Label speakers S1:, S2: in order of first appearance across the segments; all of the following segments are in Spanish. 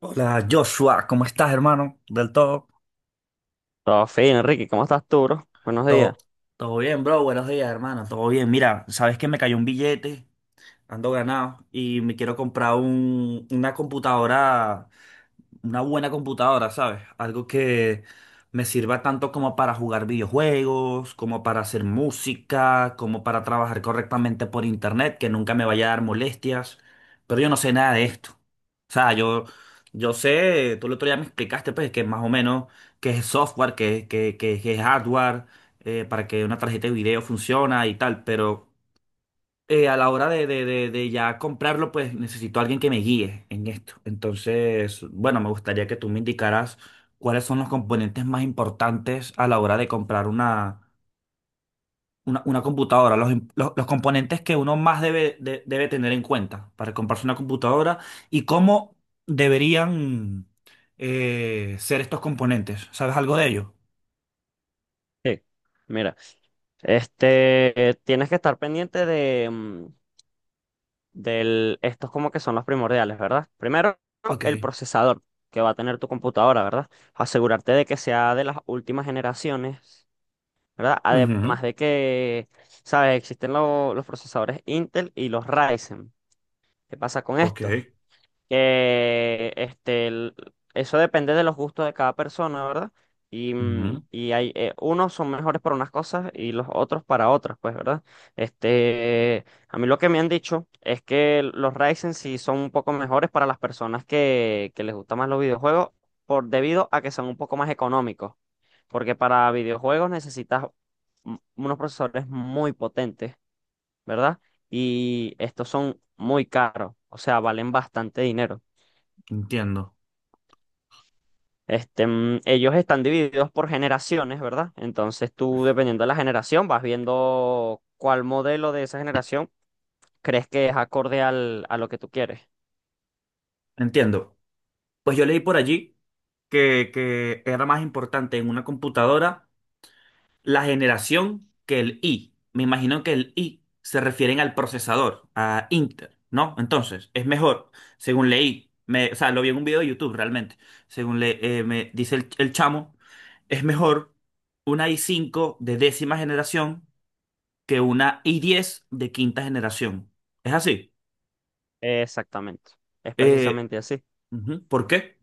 S1: Hola Joshua, ¿cómo estás, hermano? Del todo.
S2: Todo fino, Enrique, ¿cómo estás tú, bro? Buenos días.
S1: Todo, todo bien, bro. Buenos días, hermano. Todo bien. Mira, sabes que me cayó un billete, ando ganado y me quiero comprar una computadora una buena computadora, ¿sabes? Algo que me sirva tanto como para jugar videojuegos, como para hacer música, como para trabajar correctamente por internet, que nunca me vaya a dar molestias. Pero yo no sé nada de esto. O sea, yo sé, tú el otro día me explicaste, pues, que más o menos qué es software, qué es hardware, para que una tarjeta de video funciona y tal, pero a la hora de ya comprarlo, pues necesito a alguien que me guíe en esto. Entonces, bueno, me gustaría que tú me indicaras cuáles son los componentes más importantes a la hora de comprar una computadora, los componentes que uno más debe tener en cuenta para comprarse una computadora y cómo deberían ser estos componentes. ¿Sabes algo de ello?
S2: Sí. Mira, este, tienes que estar pendiente de, del, estos como que son los primordiales, ¿verdad? Primero, el
S1: Ok.
S2: procesador que va a tener tu computadora, ¿verdad? Asegurarte de que sea de las últimas generaciones, ¿verdad?
S1: Ujú.
S2: Además de que, ¿sabes? Existen los procesadores Intel y los Ryzen. ¿Qué pasa con
S1: Ok.
S2: esto? Que este, eso depende de los gustos de cada persona, ¿verdad? Y, mm,
S1: Ujú.
S2: y hay, unos son mejores para unas cosas y los otros para otras, pues, ¿verdad? Este, a mí lo que me han dicho es que los Ryzen sí son un poco mejores para las personas que les gustan más los videojuegos, por, debido a que son un poco más económicos, porque para videojuegos necesitas unos procesadores muy potentes, ¿verdad? Y estos son muy caros, o sea, valen bastante dinero.
S1: Entiendo.
S2: Este, ellos están divididos por generaciones, ¿verdad? Entonces tú, dependiendo de la generación, vas viendo cuál modelo de esa generación crees que es acorde al, a lo que tú quieres.
S1: Entiendo. Pues yo leí por allí que era más importante en una computadora la generación que el I. Me imagino que el I se refieren al procesador, a Intel, ¿no? Entonces, es mejor, según leí, o sea, lo vi en un video de YouTube realmente, según me dice el chamo, es mejor una i5 de décima generación que una i10 de quinta generación. ¿Es así?
S2: Exactamente. Es
S1: Eh,
S2: precisamente así.
S1: Ujú, ¿por qué?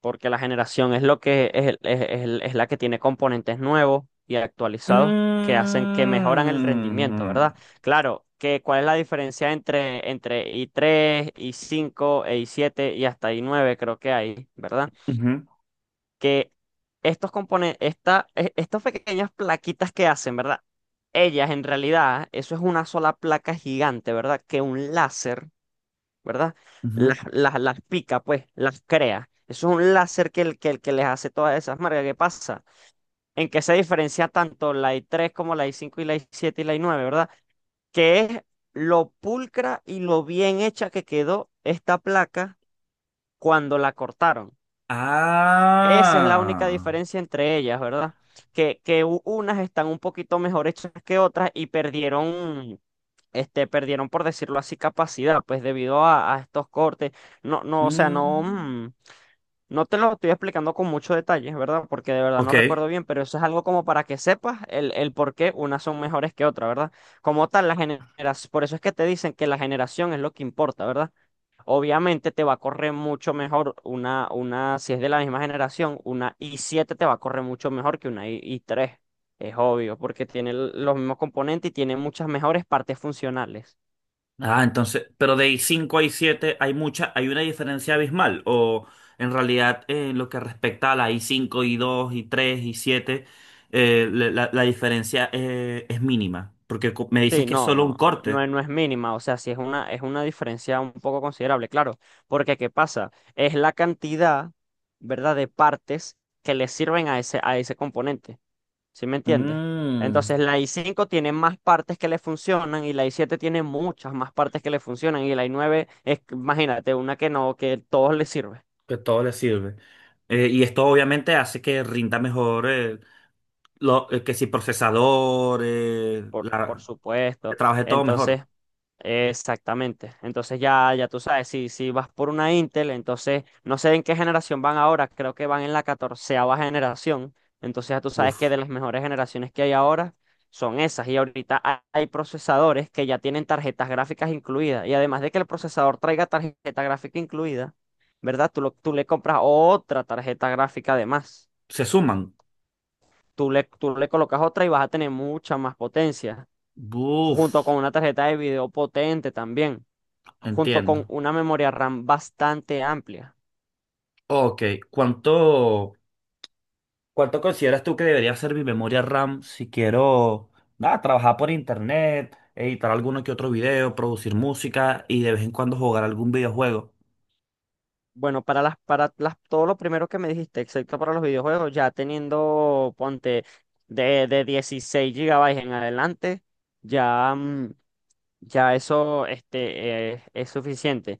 S2: Porque la generación es lo que es, es la que tiene componentes nuevos y actualizados que hacen que mejoran el rendimiento,
S1: Mm.
S2: ¿verdad? Claro, que cuál es la diferencia entre i3, i5 e i7 y hasta i9 creo que hay, ¿verdad?
S1: Ujú,
S2: Que estos componen- esta, e- estas pequeñas plaquitas que hacen, ¿verdad? Ellas en realidad, eso es una sola placa gigante, ¿verdad? Que un láser, ¿verdad?
S1: ujú.
S2: Las pica, pues, las crea. Eso es un láser el que les hace todas esas marcas. ¿Qué pasa? En que se diferencia tanto la i3 como la i5 y la i7 y la i9, ¿verdad? Que es lo pulcra y lo bien hecha que quedó esta placa cuando la cortaron. Esa es la única
S1: Ah.
S2: diferencia entre ellas, ¿verdad? Que unas están un poquito mejor hechas que otras y perdieron, este, perdieron, por decirlo así, capacidad, pues debido a estos cortes. No, no, o sea, no,
S1: Mm,
S2: no te lo estoy explicando con muchos detalles, ¿verdad? Porque de verdad no
S1: ok.
S2: recuerdo bien, pero eso es algo como para que sepas el por qué unas son mejores que otras, ¿verdad? Como tal, la generación, por eso es que te dicen que la generación es lo que importa, ¿verdad? Obviamente te va a correr mucho mejor una, si es de la misma generación, una i7 te va a correr mucho mejor que una i3. Es obvio, porque tiene los mismos componentes y tiene muchas mejores partes funcionales.
S1: Ah, entonces, pero de cinco a siete hay una diferencia abismal. O en realidad, en lo que respecta a la i5 i2 i3 i7, la la diferencia es mínima. Porque me dices
S2: Sí,
S1: que es
S2: no,
S1: solo un
S2: no, no, no
S1: corte.
S2: es no es mínima, o sea, sí es una diferencia un poco considerable, claro, porque ¿qué pasa? Es la cantidad, ¿verdad?, de partes que le sirven a ese componente. ¿Sí me entiendes?
S1: Mm,
S2: Entonces la i5 tiene más partes que le funcionan y la i7 tiene muchas más partes que le funcionan y la i9 es, imagínate, una que no, que todos le sirve,
S1: que todo le sirve. Y esto obviamente hace que rinda mejor, lo, que si procesador,
S2: por
S1: la.
S2: supuesto.
S1: Trabajé todo mejor.
S2: Entonces, exactamente. Entonces ya, ya tú sabes, si, si vas por una Intel, entonces no sé en qué generación van ahora, creo que van en la catorceava generación. Entonces ya tú sabes que
S1: Uf.
S2: de las mejores generaciones que hay ahora son esas. Y ahorita hay procesadores que ya tienen tarjetas gráficas incluidas. Y además de que el procesador traiga tarjeta gráfica incluida, ¿verdad? Tú le compras otra tarjeta gráfica además.
S1: Se suman.
S2: Tú le colocas otra y vas a tener mucha más potencia,
S1: Uf.
S2: junto con una tarjeta de video potente también, junto con
S1: Entiendo.
S2: una memoria RAM bastante amplia.
S1: Ok. ¿Cuánto, cuánto consideras tú que debería ser mi memoria RAM si quiero, nada, trabajar por internet, editar alguno que otro video, producir música y de vez en cuando jugar algún videojuego?
S2: Bueno, todo lo primero que me dijiste, excepto para los videojuegos, ya teniendo, ponte, de 16 gigabytes en adelante, ya, ya eso este, es suficiente.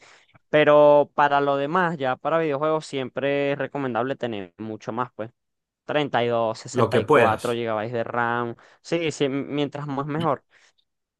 S2: Pero para lo demás, ya para videojuegos, siempre es recomendable tener mucho más, pues. 32,
S1: Lo que
S2: 64
S1: puedas.
S2: gigabytes de RAM. Sí, sí, mientras más mejor.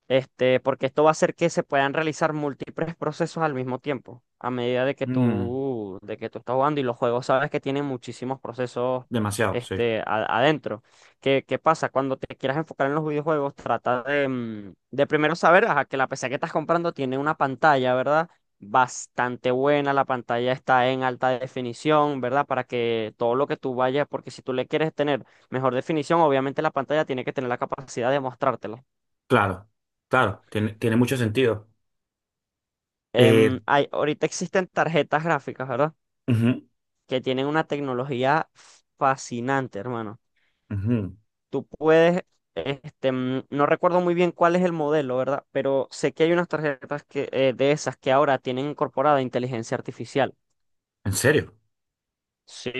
S2: Este, porque esto va a hacer que se puedan realizar múltiples procesos al mismo tiempo, a medida de que
S1: Mm,
S2: tú, de que tú estás jugando y los juegos sabes que tienen muchísimos procesos,
S1: demasiado, sí.
S2: este, adentro. ¿Qué pasa? Cuando te quieras enfocar en los videojuegos, trata de primero saber, ajá, que la PC que estás comprando tiene una pantalla, ¿verdad? Bastante buena, la pantalla está en alta definición, ¿verdad? Para que todo lo que tú vayas, porque si tú le quieres tener mejor definición, obviamente la pantalla tiene que tener la capacidad de mostrártela.
S1: Claro. Claro. Tiene mucho sentido. Eh,
S2: Ahorita existen tarjetas gráficas, ¿verdad?
S1: Ujú,
S2: Que tienen una tecnología fascinante, hermano.
S1: ujú.
S2: Tú puedes, este, no recuerdo muy bien cuál es el modelo, ¿verdad? Pero sé que hay unas tarjetas que, de esas que ahora tienen incorporada inteligencia artificial.
S1: ¿En serio?
S2: Sí,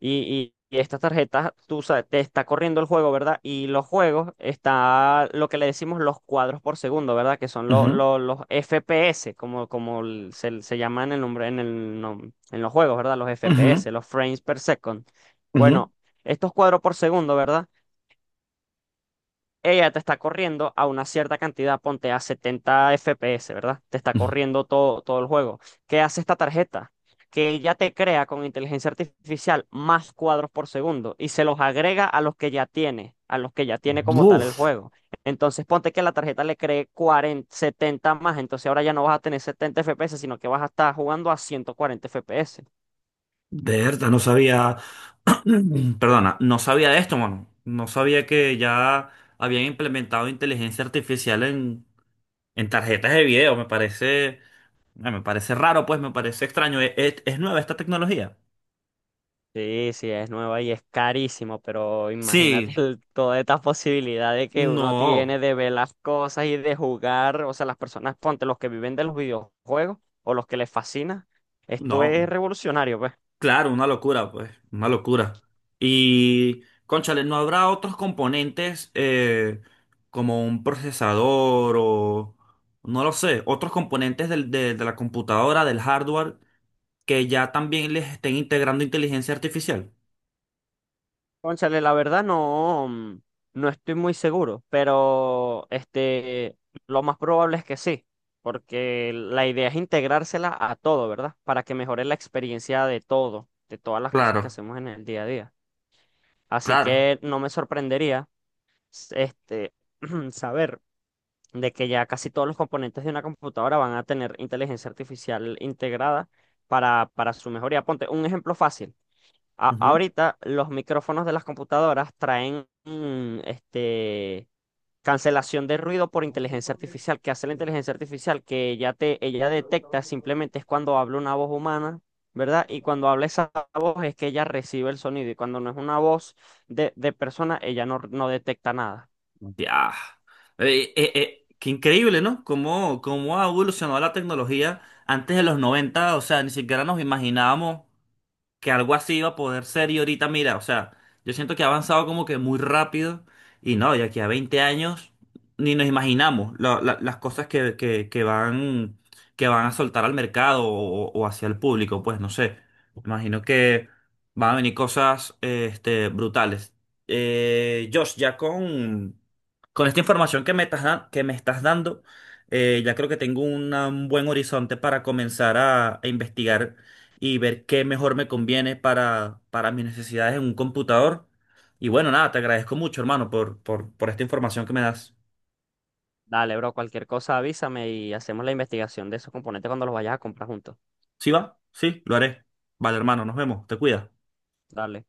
S2: y estas tarjetas, tú sabes, te está corriendo el juego, ¿verdad? Y los juegos está lo que le decimos los cuadros por segundo, ¿verdad? Que son lo-
S1: Ujú,
S2: lo- los FPS, como se llama en el nombre, en los juegos, ¿verdad? Los
S1: ujú,
S2: FPS, los frames per second.
S1: ujú,
S2: Bueno, estos cuadros por segundo, ¿verdad?, ella te está corriendo a una cierta cantidad, ponte a 70 FPS, ¿verdad? Te está
S1: ujú.
S2: corriendo todo, todo el juego. ¿Qué hace esta tarjeta? Que ella te crea con inteligencia artificial más cuadros por segundo y se los agrega a los que ya tiene, a los que ya tiene como tal el
S1: Uf.
S2: juego. Entonces ponte que la tarjeta le cree 40, 70 más, entonces ahora ya no vas a tener 70 FPS, sino que vas a estar jugando a 140 FPS.
S1: De verdad, no sabía, perdona, no sabía de esto, mano. No sabía que ya habían implementado inteligencia artificial en, tarjetas de video. Ah, me parece raro, pues, me parece extraño. ¿Es nueva esta tecnología?
S2: Sí, sí, es nueva y es carísimo, pero
S1: Sí,
S2: imagínate toda esta posibilidad de que uno
S1: no,
S2: tiene de ver las cosas y de jugar, o sea, las personas, ponte, los que viven de los videojuegos o los que les fascina, esto es
S1: no.
S2: revolucionario, pues.
S1: Claro, una locura, pues, una locura. Y, cónchale, ¿no habrá otros componentes, como un procesador o, no lo sé, otros componentes de la computadora, del hardware, que ya también les estén integrando inteligencia artificial?
S2: Cónchale, la verdad no, no estoy muy seguro, pero este, lo más probable es que sí, porque la idea es integrársela a todo, ¿verdad? Para que mejore la experiencia de todo, de todas las cosas que
S1: Claro,
S2: hacemos en el día a día. Así
S1: claro.
S2: que no me sorprendería este, saber de que ya casi todos los componentes de una computadora van a tener inteligencia artificial integrada para su mejoría. Ponte un ejemplo fácil.
S1: Ujú.
S2: Ahorita los micrófonos de las computadoras traen este, cancelación de ruido por inteligencia artificial. ¿Qué hace la inteligencia artificial? Que ella detecta simplemente es cuando habla una voz humana, ¿verdad? Y cuando habla esa voz es que ella recibe el sonido. Y cuando no es una voz de persona, ella no, no detecta nada.
S1: Ya. Qué increíble, ¿no? Cómo ha evolucionado la tecnología antes de los 90, o sea, ni siquiera nos imaginábamos que algo así iba a poder ser. Y ahorita mira, o sea, yo siento que ha avanzado como que muy rápido y no, de aquí a 20 años ni nos imaginamos las cosas que van a soltar al mercado o hacia el público, pues no sé. Me imagino que van a venir cosas, brutales. Josh, ya con esta información que que me estás dando, ya creo que tengo un buen horizonte para comenzar a investigar y ver qué mejor me conviene para mis necesidades en un computador. Y bueno, nada, te agradezco mucho, hermano, por esta información que me das.
S2: Dale, bro, cualquier cosa avísame y hacemos la investigación de esos componentes cuando los vayas a comprar juntos.
S1: ¿Sí va? Sí, lo haré. Vale, hermano, nos vemos. Te cuidas.
S2: Dale.